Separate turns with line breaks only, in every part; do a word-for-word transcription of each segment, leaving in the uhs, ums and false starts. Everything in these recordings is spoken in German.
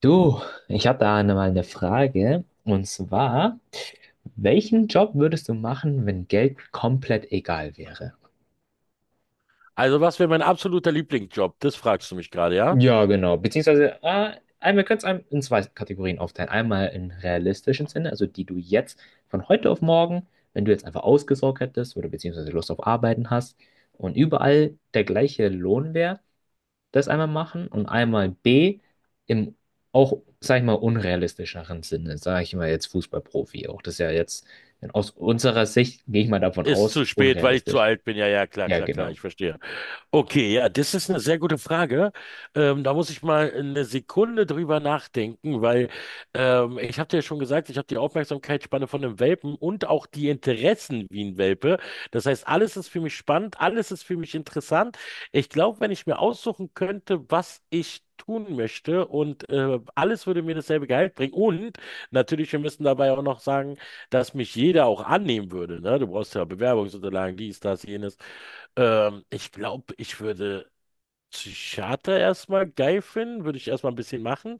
Du, ich habe da eine- mal eine Frage. Und zwar, welchen Job würdest du machen, wenn Geld komplett egal wäre?
Also, was wäre mein absoluter Lieblingsjob? Das fragst du mich gerade, ja?
Ja, genau. Beziehungsweise, äh, einmal könnt's einem in zwei Kategorien aufteilen. Einmal in realistischen Sinne, also die du jetzt von heute auf morgen, wenn du jetzt einfach ausgesorgt hättest oder beziehungsweise Lust auf Arbeiten hast und überall der gleiche Lohn wäre, das einmal machen und einmal B im auch, sag ich mal, unrealistischeren Sinne, sage ich mal jetzt Fußballprofi auch. Das ist ja jetzt in- aus unserer Sicht, gehe ich mal davon
Ist
aus,
zu spät, weil ich zu
unrealistisch.
alt bin. Ja, ja, klar,
Ja,
klar, klar,
genau.
ich verstehe. Okay, ja, das ist eine sehr gute Frage. Ähm, da muss ich mal eine Sekunde drüber nachdenken, weil ähm, ich habe dir ja schon gesagt, ich habe die Aufmerksamkeitsspanne von einem Welpen und auch die Interessen wie ein Welpe. Das heißt, alles ist für mich spannend, alles ist für mich interessant. Ich glaube, wenn ich mir aussuchen könnte, was ich tun möchte und äh, alles würde mir dasselbe Gehalt bringen. Und natürlich, wir müssen dabei auch noch sagen, dass mich jeder auch annehmen würde. Ne? Du brauchst ja Bewerbungsunterlagen, dies, das, jenes. Ähm, ich glaube, ich würde Psychiater erstmal geil finden, würde ich erstmal ein bisschen machen.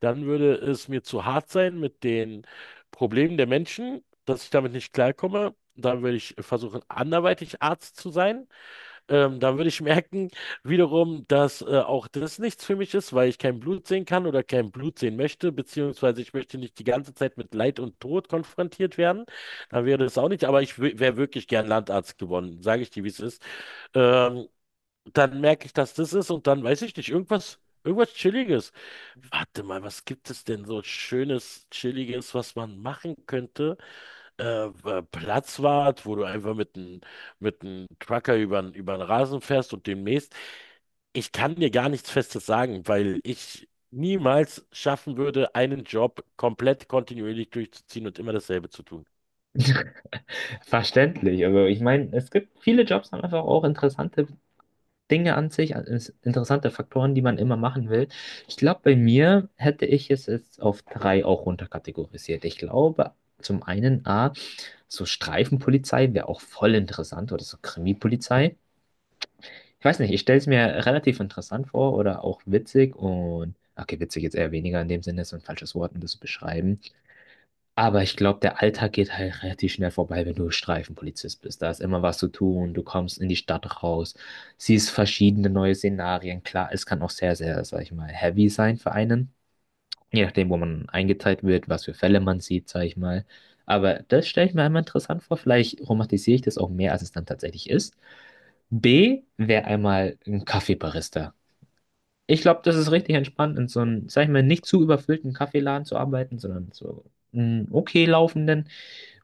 Dann würde es mir zu hart sein mit den Problemen der Menschen, dass ich damit nicht klarkomme. Dann würde ich versuchen, anderweitig Arzt zu sein. Ähm, dann würde ich merken, wiederum, dass äh, auch das nichts für mich ist, weil ich kein Blut sehen kann oder kein Blut sehen möchte, beziehungsweise ich möchte nicht die ganze Zeit mit Leid und Tod konfrontiert werden. Dann wäre das auch nicht, aber ich wäre wirklich gern Landarzt geworden, sage ich dir, wie es ist. Ähm, Dann merke ich, dass das ist und dann weiß ich nicht, irgendwas, irgendwas Chilliges. Warte mal, was gibt es denn so Schönes, Chilliges, was man machen könnte? äh, äh, Platzwart, wo du einfach mit einem mit einem Trucker über, über den Rasen fährst und demnächst. Ich kann dir gar nichts Festes sagen, weil ich niemals schaffen würde, einen Job komplett kontinuierlich durchzuziehen und immer dasselbe zu tun.
Verständlich. Also ich meine, es gibt viele Jobs haben einfach auch interessante Dinge an sich, an- ins- interessante Faktoren, die man immer machen will. Ich glaube, bei mir hätte ich es jetzt auf drei auch runterkategorisiert. Ich glaube, zum einen A, so Streifenpolizei wäre auch voll interessant oder so Krimipolizei. Ich weiß nicht, ich stelle es mir relativ interessant vor oder auch witzig und, okay, witzig jetzt eher weniger in dem Sinne, ist ein falsches Wort, um das zu beschreiben. Aber ich glaube, der Alltag geht halt relativ schnell vorbei, wenn du Streifenpolizist bist. Da ist immer was zu tun, du kommst in die Stadt raus, siehst verschiedene neue Szenarien. Klar, es kann auch sehr, sehr, sag ich mal, heavy sein für einen. Je nachdem, wo man eingeteilt wird, was für Fälle man sieht, sag ich mal. Aber das stelle ich mir einmal interessant vor. Vielleicht romantisiere ich das auch mehr, als es dann tatsächlich ist. B wäre einmal ein Kaffeebarista. Ich glaube, das ist richtig entspannt, in so einem, sag ich mal, nicht zu überfüllten Kaffeeladen zu arbeiten, sondern so einen okay laufenden,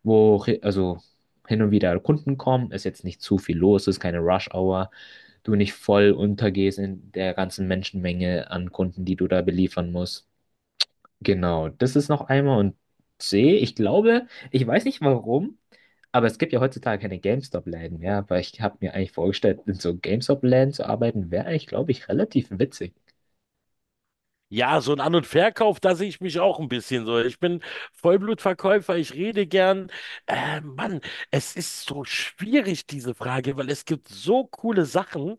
wo re- also hin und wieder Kunden kommen, ist jetzt nicht zu viel los, ist keine Rush-Hour, du nicht voll untergehst in der ganzen Menschenmenge an Kunden, die du da beliefern musst. Genau, das ist noch einmal und C, ich glaube, ich weiß nicht warum, aber es gibt ja heutzutage keine GameStop-Läden mehr, aber ich habe mir eigentlich vorgestellt, in so GameStop-Läden zu arbeiten, wäre eigentlich, glaube ich, relativ witzig.
Ja, so ein An- und Verkauf, da sehe ich mich auch ein bisschen so. Ich bin Vollblutverkäufer, ich rede gern. Äh, Mann, es ist so schwierig, diese Frage, weil es gibt so coole Sachen.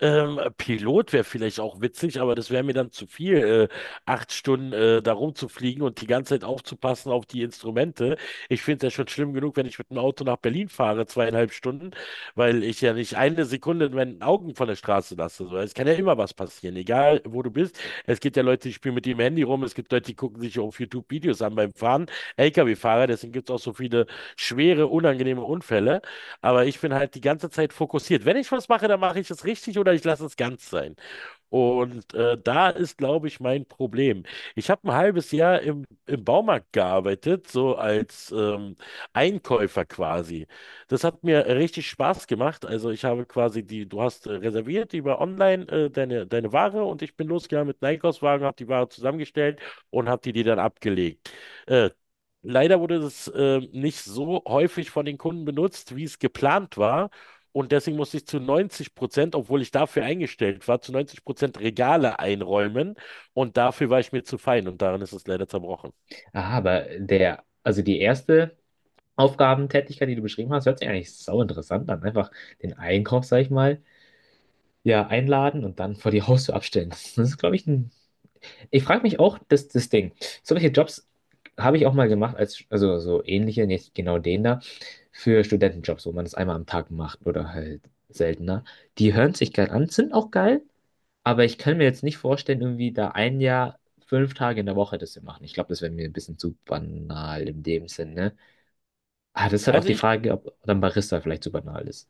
Ähm, Pilot wäre vielleicht auch witzig, aber das wäre mir dann zu viel, äh, acht Stunden äh, da rumzufliegen und die ganze Zeit aufzupassen auf die Instrumente. Ich finde es ja schon schlimm genug, wenn ich mit dem Auto nach Berlin fahre, zweieinhalb Stunden, weil ich ja nicht eine Sekunde in meinen Augen von der Straße lasse. So, es kann ja immer was passieren, egal wo du bist. Es gibt ja Leute, die spielen mit ihrem Handy rum, es gibt Leute, die gucken sich auf YouTube Videos an beim Fahren, L K W-Fahrer, deswegen gibt es auch so viele schwere, unangenehme Unfälle. Aber ich bin halt die ganze Zeit fokussiert. Wenn ich was mache, dann mache ich es richtig oder ich lasse es ganz sein. Und äh, da ist, glaube ich, mein Problem. Ich habe ein halbes Jahr im, im Baumarkt gearbeitet, so als ähm, Einkäufer quasi. Das hat mir richtig Spaß gemacht. Also ich habe quasi die, du hast äh, reserviert über online äh, deine, deine Ware und ich bin losgegangen mit einem Einkaufswagen, habe die Ware zusammengestellt und habe die dir dann abgelegt. Äh, Leider wurde das äh, nicht so häufig von den Kunden benutzt, wie es geplant war. Und deswegen musste ich zu neunzig Prozent, obwohl ich dafür eingestellt war, zu neunzig Prozent Regale einräumen. Und dafür war ich mir zu fein und daran ist es leider zerbrochen.
Aha, aber der, also die erste Aufgabentätigkeit, die du beschrieben hast, hört sich eigentlich sau interessant an. Einfach den Einkauf, sag ich mal, ja, einladen und dann vor die Haustür abstellen. Das ist, glaube ich, ein. Ich frage mich auch, das, das Ding. Solche Jobs habe ich auch mal gemacht, als, also so ähnliche, nicht genau den da, für Studentenjobs, wo man das einmal am Tag macht oder halt seltener. Die hören sich geil an, sind auch geil, aber ich kann mir jetzt nicht vorstellen, irgendwie da ein Jahr, fünf Tage in der Woche das zu machen. Ich glaube, das wäre mir ein bisschen zu banal in dem Sinne. Ah, das ist halt auch
Also,
die Frage, ob dann Barista vielleicht zu banal ist.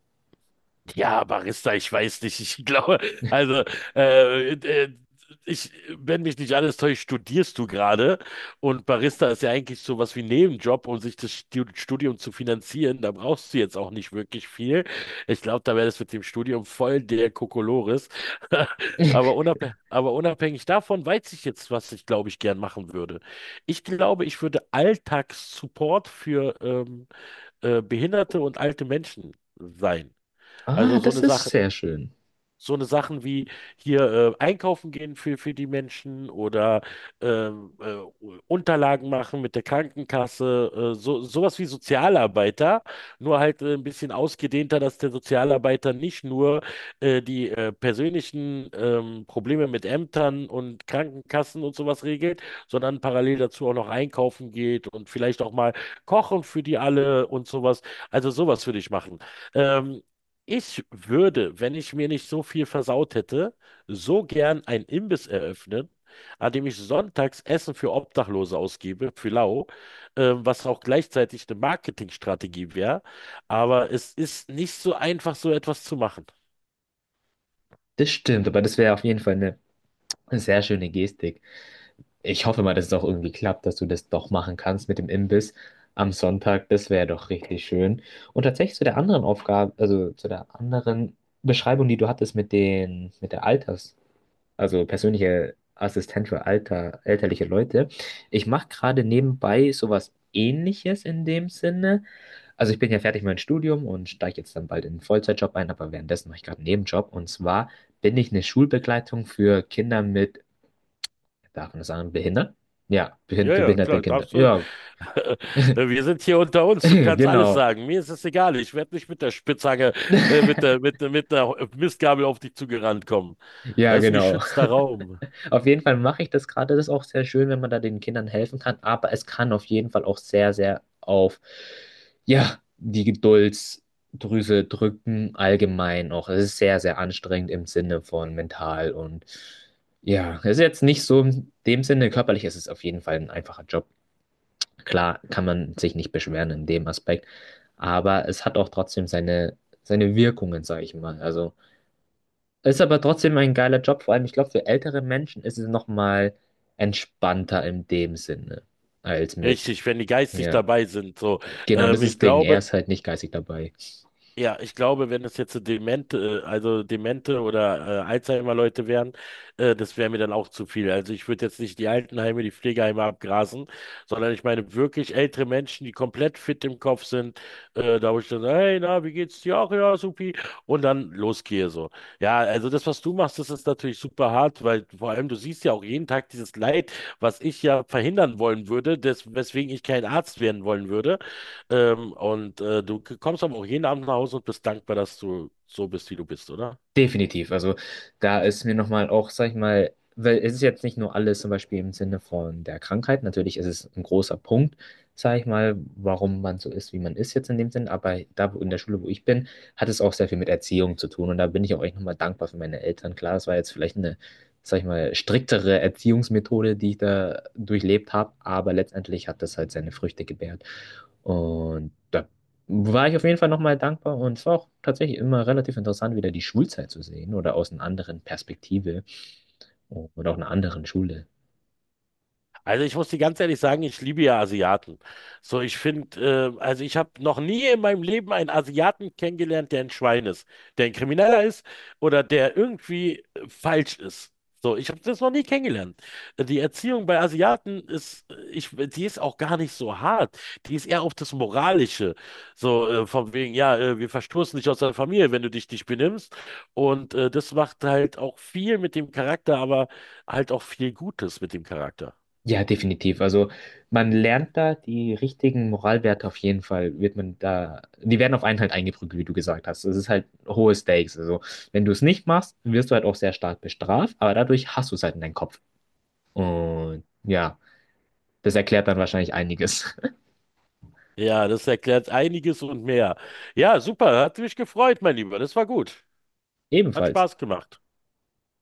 ja, Barista, ich weiß nicht. Ich glaube, also, äh, äh, ich, wenn mich nicht alles täuscht, studierst du gerade. Und Barista ist ja eigentlich so was wie ein Nebenjob, um sich das Stu- Studium zu finanzieren. Da brauchst du jetzt auch nicht wirklich viel. Ich glaube, da wäre das mit dem Studium voll der Kokolores. Aber unabhängig, aber unabhängig davon weiß ich jetzt, was ich, glaube ich, gern machen würde. Ich glaube, ich würde Alltagssupport für ähm, äh, Behinderte und alte Menschen sein. Also
Ah,
so
das
eine
ist
Sache,
sehr schön.
so eine Sachen wie hier äh, einkaufen gehen für, für die Menschen oder ähm, äh, Unterlagen machen mit der Krankenkasse, äh, so, sowas wie Sozialarbeiter, nur halt äh, ein bisschen ausgedehnter, dass der Sozialarbeiter nicht nur äh, die äh, persönlichen ähm, Probleme mit Ämtern und Krankenkassen und sowas regelt, sondern parallel dazu auch noch einkaufen geht und vielleicht auch mal kochen für die alle und sowas. Also sowas würde ich machen. Ähm, Ich würde, wenn ich mir nicht so viel versaut hätte, so gern einen Imbiss eröffnen, an dem ich sonntags Essen für Obdachlose ausgebe, für lau, ähm, was auch gleichzeitig eine Marketingstrategie wäre. Aber es ist nicht so einfach, so etwas zu machen.
Das stimmt, aber das wäre auf jeden Fall eine sehr schöne Gestik. Ich hoffe mal, dass es auch irgendwie klappt, dass du das doch machen kannst mit dem Imbiss am Sonntag. Das wäre doch richtig schön. Und tatsächlich zu der anderen Aufgabe, also zu der anderen Beschreibung, die du hattest mit den, mit der Alters. Also persönliche Assistent für alter, elterliche Leute. Ich mache gerade nebenbei sowas Ähnliches in dem Sinne. Also ich bin ja fertig mit meinem Studium und steige jetzt dann bald in einen Vollzeitjob ein, aber währenddessen mache ich gerade einen Nebenjob. Und zwar bin ich eine Schulbegleitung für Kinder mit, darf man das sagen, Behindern? Ja, behin-
Ja,
für
ja,
behinderte
klar,
Kinder.
darfst du.
Ja,
Wir sind hier unter uns, du kannst alles
genau.
sagen. Mir ist es egal, ich werde nicht mit der Spitzhacke, äh, mit der, mit, der- mit der Mistgabel auf dich zugerannt kommen.
Ja,
Das ist ein
genau.
geschützter Raum.
Auf jeden Fall mache ich das gerade. Das ist auch sehr schön, wenn man da den Kindern helfen kann. Aber es kann auf jeden Fall auch sehr, sehr auf, ja, die Geduldsdrüse drücken, allgemein auch. Es ist sehr, sehr anstrengend im Sinne von mental und ja, es ist jetzt nicht so in dem Sinne, körperlich ist es auf jeden Fall ein einfacher Job. Klar kann man sich nicht beschweren in dem Aspekt, aber es hat auch trotzdem seine, seine Wirkungen, sage ich mal. Also. Ist aber trotzdem ein geiler Job, vor allem, ich glaube, für ältere Menschen ist es nochmal entspannter in dem Sinne als mit,
Richtig, wenn die geistig
ja.
dabei sind, so.
Genau, das
Ähm,
ist das
ich
Ding. Er
glaube,
ist halt nicht geistig dabei.
ja, ich glaube, wenn es jetzt so demente, äh, also demente oder äh, Alzheimer-Leute wären, äh, das wäre mir dann auch zu viel. Also ich würde jetzt nicht die Altenheime, die Pflegeheime abgrasen, sondern ich meine wirklich ältere Menschen, die komplett fit im Kopf sind, äh, da wo ich dann, hey, na, wie geht's dir? Auch, ja, supi. Und dann losgehe so. Ja, also das, was du machst, das ist natürlich super hart, weil vor allem du siehst ja auch jeden Tag dieses Leid, was ich ja verhindern wollen würde, des, weswegen ich kein Arzt werden wollen würde. Ähm, und äh, du kommst aber auch jeden Abend nach Hause und bist dankbar, dass du so bist, wie du bist, oder?
Definitiv. Also da ist mir nochmal auch, sag ich mal, weil es ist jetzt nicht nur alles zum Beispiel im Sinne von der Krankheit. Natürlich ist es ein großer Punkt, sag ich mal, warum man so ist, wie man ist jetzt in dem Sinn. Aber da wo- in der Schule, wo ich bin, hat es auch sehr viel mit Erziehung zu tun. Und da bin ich auch echt nochmal dankbar für meine Eltern. Klar, es war jetzt vielleicht eine, sag ich mal, striktere Erziehungsmethode, die ich da durchlebt habe. Aber letztendlich hat das halt seine Früchte gebärt. Und da war ich auf jeden Fall nochmal dankbar. Und es war auch tatsächlich immer relativ interessant, wieder die Schulzeit zu sehen oder aus einer anderen Perspektive oder auch einer anderen Schule.
Also ich muss dir ganz ehrlich sagen, ich liebe ja Asiaten. So, ich finde, äh, also ich habe noch nie in meinem Leben einen Asiaten kennengelernt, der ein Schwein ist, der ein Krimineller ist oder der irgendwie äh, falsch ist. So, ich habe das noch nie kennengelernt. Die Erziehung bei Asiaten ist, äh, ich, die ist auch gar nicht so hart. Die ist eher auf das Moralische. So, äh, von wegen, ja, äh, wir verstoßen dich aus der Familie, wenn du dich nicht benimmst. Und äh, das macht halt auch viel mit dem Charakter, aber halt auch viel Gutes mit dem Charakter.
Ja, definitiv. Also man lernt da die richtigen Moralwerte auf jeden Fall, wird man da, die werden auf einen halt eingeprügelt, wie du gesagt hast. Das ist halt hohe Stakes. Also wenn du es nicht machst, wirst du halt auch sehr stark bestraft, aber dadurch hast du es halt in deinem Kopf. Und ja, das erklärt dann wahrscheinlich einiges.
Ja, das erklärt einiges und mehr. Ja, super, hat mich gefreut, mein Lieber. Das war gut. Hat
Ebenfalls.
Spaß gemacht.